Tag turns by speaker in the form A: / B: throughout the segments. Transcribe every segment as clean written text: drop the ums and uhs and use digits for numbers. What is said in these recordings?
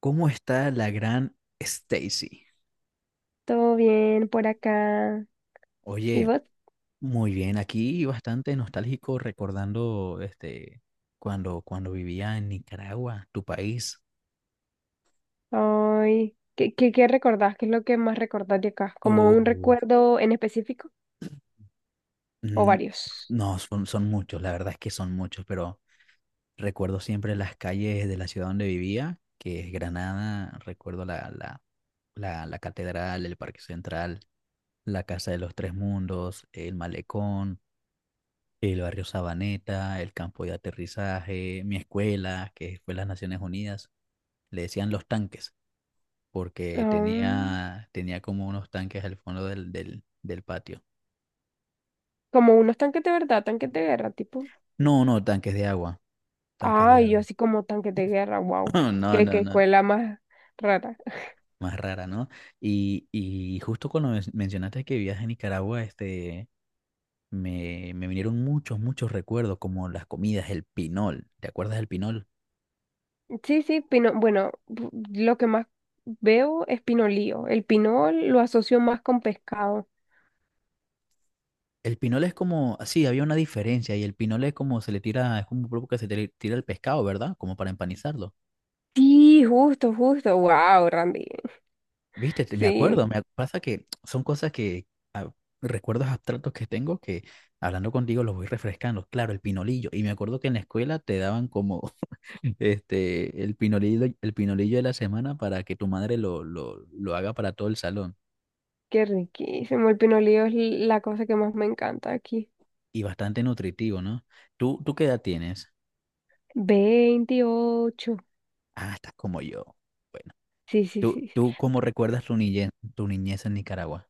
A: ¿Cómo está la gran Stacy?
B: Todo bien por acá. ¿Y
A: Oye,
B: vos?
A: muy bien, aquí bastante nostálgico recordando cuando vivía en Nicaragua, tu país.
B: Ay, qué recordás? ¿Qué es lo que más recordás de acá? ¿Como un
A: Oh,
B: recuerdo en específico o
A: mm,
B: varios?
A: no, son muchos, la verdad es que son muchos, pero recuerdo siempre las calles de la ciudad donde vivía, que es Granada, recuerdo la catedral, el Parque Central, la Casa de los Tres Mundos, el Malecón. El barrio Sabaneta, el campo de aterrizaje, mi escuela, que fue las Naciones Unidas, le decían los tanques, porque
B: Ah,
A: tenía como unos tanques al fondo del patio.
B: como unos tanques de verdad, tanques de guerra, tipo.
A: No, no, tanques de agua, tanques de
B: Ay, yo
A: agua.
B: así como tanques de guerra, wow.
A: No, no,
B: Qué
A: no,
B: escuela más rara.
A: más rara, ¿no? Y justo cuando mencionaste que vivías en Nicaragua, me vinieron muchos recuerdos, como las comidas, el pinol. ¿Te acuerdas del pinol?
B: Sí, sí, pino, bueno, lo que más veo es pinolío. El pinol lo asocio más con pescado.
A: El pinole es como, ah, sí, había una diferencia y el pinole es como se le tira, es como un poco que se le tira el pescado, ¿verdad? Como para empanizarlo.
B: Sí, justo, justo. Wow, Randy.
A: Viste, me
B: Sí.
A: acuerdo, pasa que son cosas que, ah, recuerdos abstractos que tengo que hablando contigo los voy refrescando. Claro, el pinolillo. Y me acuerdo que en la escuela te daban como, el pinolillo de la semana para que tu madre lo haga para todo el salón.
B: Qué riquísimo. El pinolillo es la cosa que más me encanta aquí.
A: Y bastante nutritivo, ¿no? ¿Tú, qué edad tienes?
B: 28.
A: Ah, estás como yo. Bueno,
B: Sí, sí,
A: ¿Tú,
B: sí.
A: tú cómo recuerdas tu niñez en Nicaragua?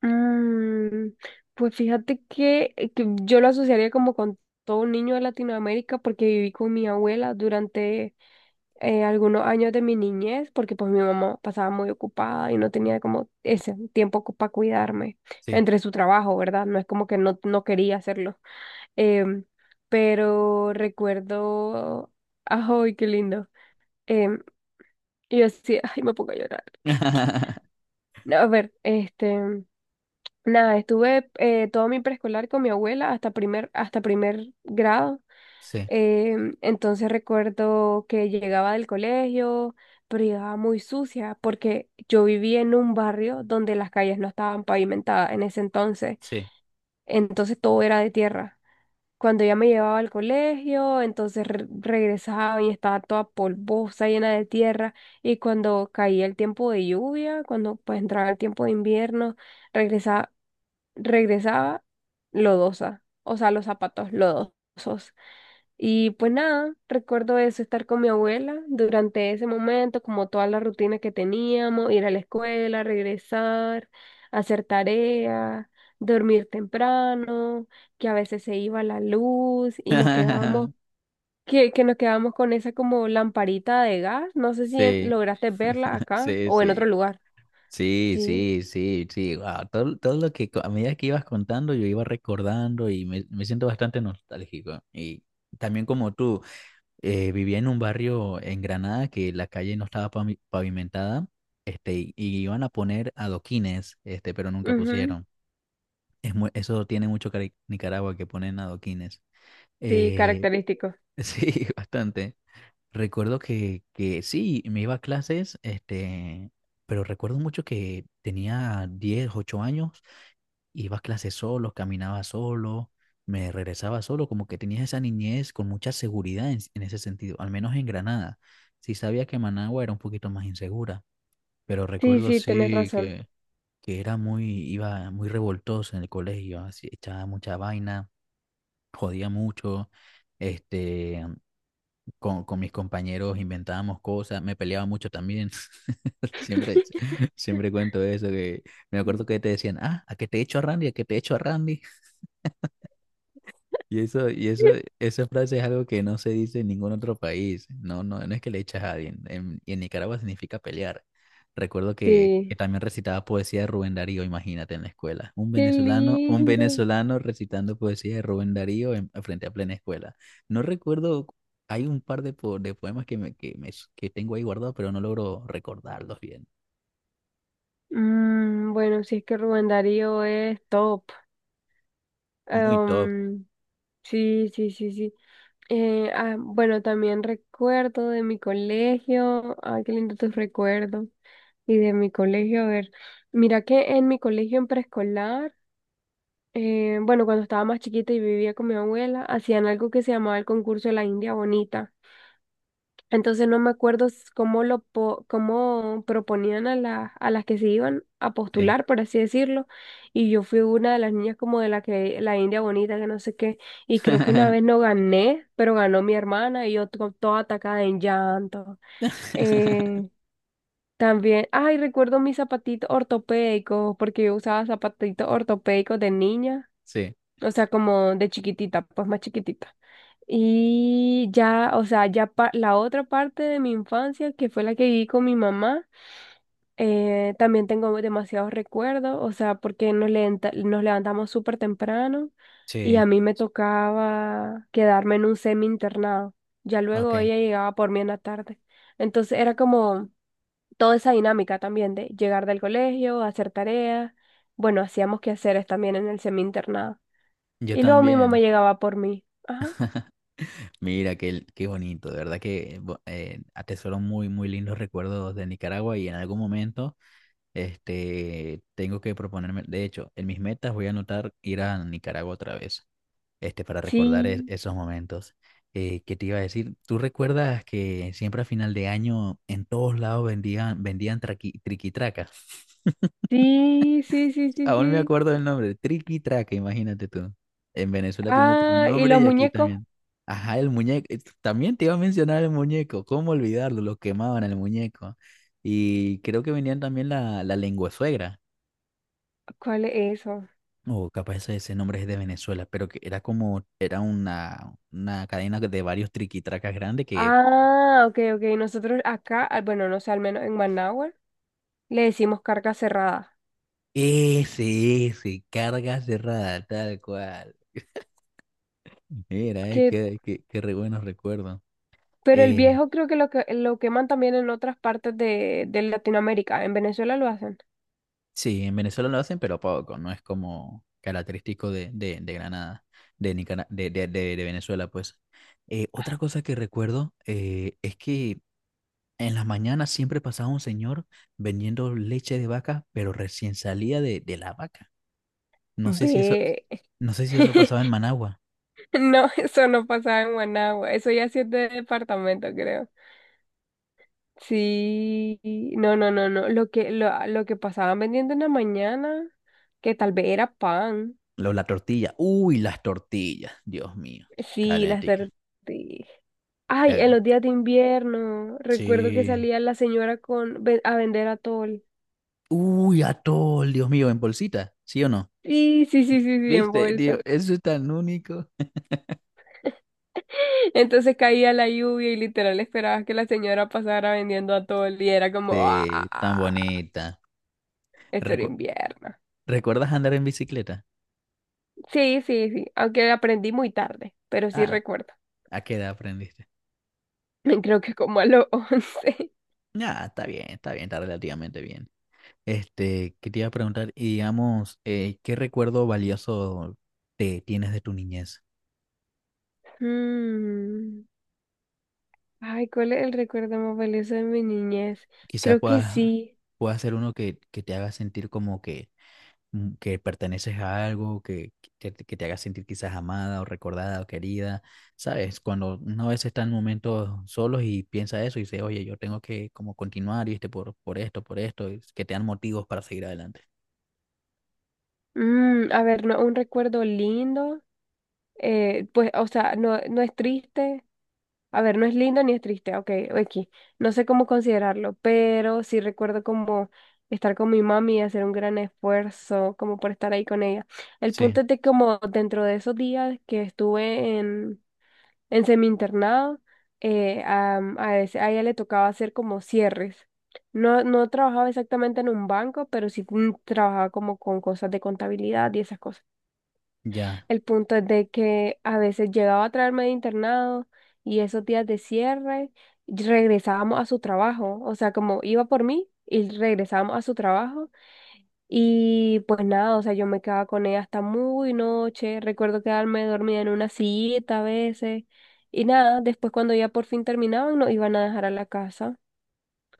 B: Mm, pues fíjate que yo lo asociaría como con todo un niño de Latinoamérica porque viví con mi abuela durante algunos años de mi niñez, porque pues mi mamá pasaba muy ocupada y no tenía como ese tiempo para cuidarme
A: Sí.
B: entre su trabajo, ¿verdad? No es como que no, no quería hacerlo. Em, pero recuerdo, ¡ay, qué lindo! Em, y yo así, ¡ay, me pongo a llorar! No, a ver, este, nada, estuve todo mi preescolar con mi abuela hasta primer grado.
A: Sí,
B: Entonces recuerdo que llegaba del colegio, pero llegaba muy sucia porque yo vivía en un barrio donde las calles no estaban pavimentadas en ese entonces,
A: sí.
B: entonces todo era de tierra. Cuando ella me llevaba al colegio, entonces regresaba y estaba toda polvosa, llena de tierra, y cuando caía el tiempo de lluvia, cuando pues entraba el tiempo de invierno, regresaba, regresaba lodosa, o sea, los zapatos lodosos. Y pues nada, recuerdo eso, estar con mi abuela durante ese momento, como toda la rutina que teníamos, ir a la escuela, regresar, hacer tareas, dormir temprano, que a veces se iba la luz y nos quedábamos, que nos quedábamos con esa como lamparita de gas. No sé si
A: Sí,
B: lograste verla acá
A: sí,
B: o en
A: sí.
B: otro lugar.
A: Sí,
B: Sí,
A: sí, sí, sí. Wow. Todo, todo lo que a medida que ibas contando, yo iba recordando y me siento bastante nostálgico. Y también como tú, vivía en un barrio en Granada que la calle no estaba pavimentada, y iban a poner adoquines, este, pero nunca
B: ujú.
A: pusieron. Es eso tiene mucho Nicaragua que ponen adoquines.
B: Sí,
A: Eh,
B: característico.
A: sí, bastante. Recuerdo que sí, me iba a clases, este, pero recuerdo mucho que tenía 10 8 años, iba a clases solo, caminaba solo, me regresaba solo, como que tenía esa niñez con mucha seguridad en ese sentido, al menos en Granada. Sí sabía que Managua era un poquito más insegura, pero
B: Sí,
A: recuerdo
B: sí, tenés
A: sí
B: razón.
A: que era muy, iba muy revoltoso en el colegio, así, echaba mucha vaina, jodía mucho, este... con mis compañeros inventábamos cosas, me peleaba mucho también. Siempre, siempre cuento eso, que me acuerdo que te decían, ah, a que te echo a Randy, a que te echo a Randy. Y eso, esa frase es algo que no se dice en ningún otro país. No, no, no es que le echas a alguien. En Nicaragua significa pelear. Recuerdo que
B: Sí,
A: también recitaba poesía de Rubén Darío, imagínate, en la escuela.
B: qué
A: Un
B: lindo.
A: venezolano recitando poesía de Rubén Darío frente a plena escuela. No recuerdo, hay un par de, de poemas que tengo ahí guardados, pero no logro recordarlos bien.
B: Mm, bueno, sí es que Rubén Darío es top.
A: Muy top,
B: Em, sí, sí, sí, sí. Bueno, también recuerdo de mi colegio. Ay, qué lindo tus recuerdos. Y de mi colegio, a ver. Mira que en mi colegio en preescolar, bueno, cuando estaba más chiquita y vivía con mi abuela, hacían algo que se llamaba el concurso de la India Bonita. Entonces no me acuerdo cómo proponían a la a las que se iban a
A: sí.
B: postular, por así decirlo, y yo fui una de las niñas como de la que la India bonita que no sé qué, y creo que una vez no gané, pero ganó mi hermana y yo toda atacada en llanto. Eh, también, ay, recuerdo mis zapatitos ortopédicos porque yo usaba zapatitos ortopédicos de niña.
A: Sí,
B: O sea, como de chiquitita, pues más chiquitita. Y ya, o sea, la otra parte de mi infancia, que fue la que viví con mi mamá, también tengo demasiados recuerdos, o sea, porque nos levantamos súper temprano y
A: sí,
B: a mí me tocaba quedarme en un semi internado. Ya
A: ok.
B: luego ella llegaba por mí en la tarde. Entonces era como toda esa dinámica también de llegar del colegio, hacer tareas. Bueno, hacíamos quehaceres también en el semi internado.
A: Yo
B: Y luego mi mamá
A: también.
B: llegaba por mí. Ajá.
A: Mira, qué, qué bonito, de verdad que atesoro muy, muy lindos recuerdos de Nicaragua y en algún momento este, tengo que proponerme, de hecho, en mis metas voy a anotar ir a Nicaragua otra vez, este, para recordar
B: Sí,
A: esos momentos. ¿Qué te iba a decir? ¿Tú recuerdas que siempre a final de año en todos lados vendían triquitracas?
B: sí, sí, sí, sí,
A: Aún me
B: sí.
A: acuerdo del nombre, Triqui Traca, imagínate tú. En Venezuela tiene otro
B: Ah, ¿y
A: nombre
B: los
A: y aquí
B: muñecos?
A: también. Ajá, el muñeco. Eh, también te iba a mencionar el muñeco, ¿cómo olvidarlo? Lo quemaban el muñeco. Y creo que venían también la lengua suegra.
B: ¿Cuál es eso?
A: O capaz ese, ese nombre es de Venezuela, pero que era como, era una cadena de varios triquitracas grandes que
B: Ah, ok, ok. Nosotros acá, ah, bueno, no sé, al menos en Managua, le decimos carga cerrada.
A: ese, carga cerrada, tal cual. Mira,
B: Que,
A: qué, qué, qué re buenos recuerdos.
B: pero el
A: Eh,
B: viejo creo que lo queman también en otras partes de Latinoamérica. En Venezuela lo hacen.
A: Sí, en Venezuela lo hacen, pero poco, no es como característico de Granada, de, de Venezuela, pues. Otra cosa que recuerdo es que en las mañanas siempre pasaba un señor vendiendo leche de vaca, pero recién salía de la vaca. No sé si eso,
B: Ve.
A: no sé si eso pasaba en Managua.
B: No, eso no pasaba en Managua. Eso ya sí es de departamento, creo. Sí, no, no, no, no. Lo que pasaban vendiendo en la mañana, que tal vez era pan.
A: Lo, la tortilla, uy, las tortillas, Dios mío,
B: Sí, las
A: calentica.
B: tortillas. Ay, en
A: Ya-
B: los días de invierno, recuerdo que
A: Sí.
B: salía la señora con, a vender atol.
A: Uy, atol, Dios mío, en bolsita, ¿sí o no?
B: Sí, sí, sí, sí, sí, en
A: ¿Viste, tío?
B: bolsa.
A: Eso es tan único.
B: Entonces caía la lluvia y literal esperabas que la señora pasara vendiendo atol y era como,
A: Sí, tan
B: ah,
A: bonita.
B: esto era
A: Recu-
B: invierno.
A: ¿Recuerdas andar en bicicleta?
B: Sí, sí, sí, aunque aprendí muy tarde, pero sí
A: Ah,
B: recuerdo.
A: ¿a qué edad aprendiste?
B: Creo que como a los 11.
A: Ah, está bien, está bien, está relativamente bien. Este, que te iba a preguntar, y digamos, ¿qué recuerdo valioso te tienes de tu niñez?
B: Mm. Ay, ¿cuál es el recuerdo más valioso de mi niñez?
A: Quizás
B: Creo que
A: puedas,
B: sí.
A: pueda ser uno que te haga sentir como que que perteneces a algo, que te haga sentir quizás amada o recordada o querida, ¿sabes? Cuando uno a veces está en momentos solos y piensa eso y dice, oye, yo tengo que como continuar, ¿viste? Por esto, y que te dan motivos para seguir adelante.
B: Mm, a ver, no, un recuerdo lindo. Pues, o sea, no, no es triste. A ver, no es lindo ni es triste. Ok, aquí. No sé cómo considerarlo, pero sí recuerdo como estar con mi mami y hacer un gran esfuerzo como por estar ahí con ella. El
A: Sí,
B: punto es de como dentro de esos días que estuve en semi-internado, a ella le tocaba hacer como cierres. No, no trabajaba exactamente en un banco, pero sí trabajaba como con cosas de contabilidad y esas cosas.
A: ya,
B: El punto es de que a veces llegaba a traerme de internado y esos días de cierre regresábamos a su trabajo. O sea, como iba por mí y regresábamos a su trabajo, y pues nada, o sea, yo me quedaba con ella hasta muy noche. Recuerdo quedarme dormida en una sillita a veces. Y nada, después cuando ya por fin terminaban, nos iban a dejar a la casa.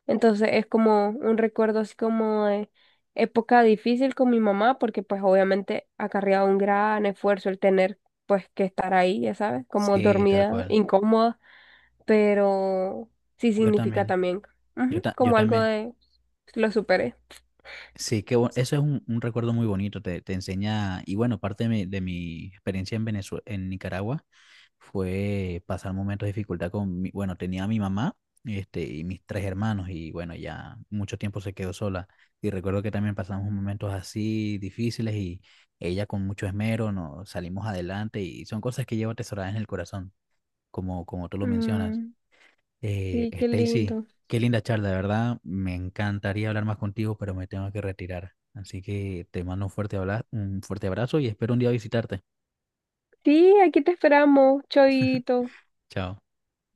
B: Entonces es como un recuerdo así como de época difícil con mi mamá, porque pues obviamente acarreaba un gran esfuerzo el tener pues que estar ahí, ya sabes, como
A: sí, tal
B: dormida,
A: cual.
B: incómoda, pero sí
A: Yo
B: significa
A: también,
B: también ujú,
A: yo
B: como algo
A: también.
B: de lo superé.
A: Sí, que eso es un recuerdo muy bonito, te enseña, y bueno, parte de mi experiencia en Venezuela, en Nicaragua fue pasar momentos de dificultad con, bueno, tenía a mi mamá, este, y mis 3 hermanos, y bueno, ya mucho tiempo se quedó sola, y recuerdo que también pasamos momentos así difíciles, y ella con mucho esmero nos salimos adelante, y son cosas que llevo atesoradas en el corazón, como, como tú lo mencionas.
B: Mm, sí, qué
A: Stacy,
B: lindo.
A: qué linda charla, de verdad. Me encantaría hablar más contigo, pero me tengo que retirar. Así que te mando un fuerte un fuerte abrazo y espero un día visitarte.
B: Sí, aquí te esperamos, Choito.
A: Chao.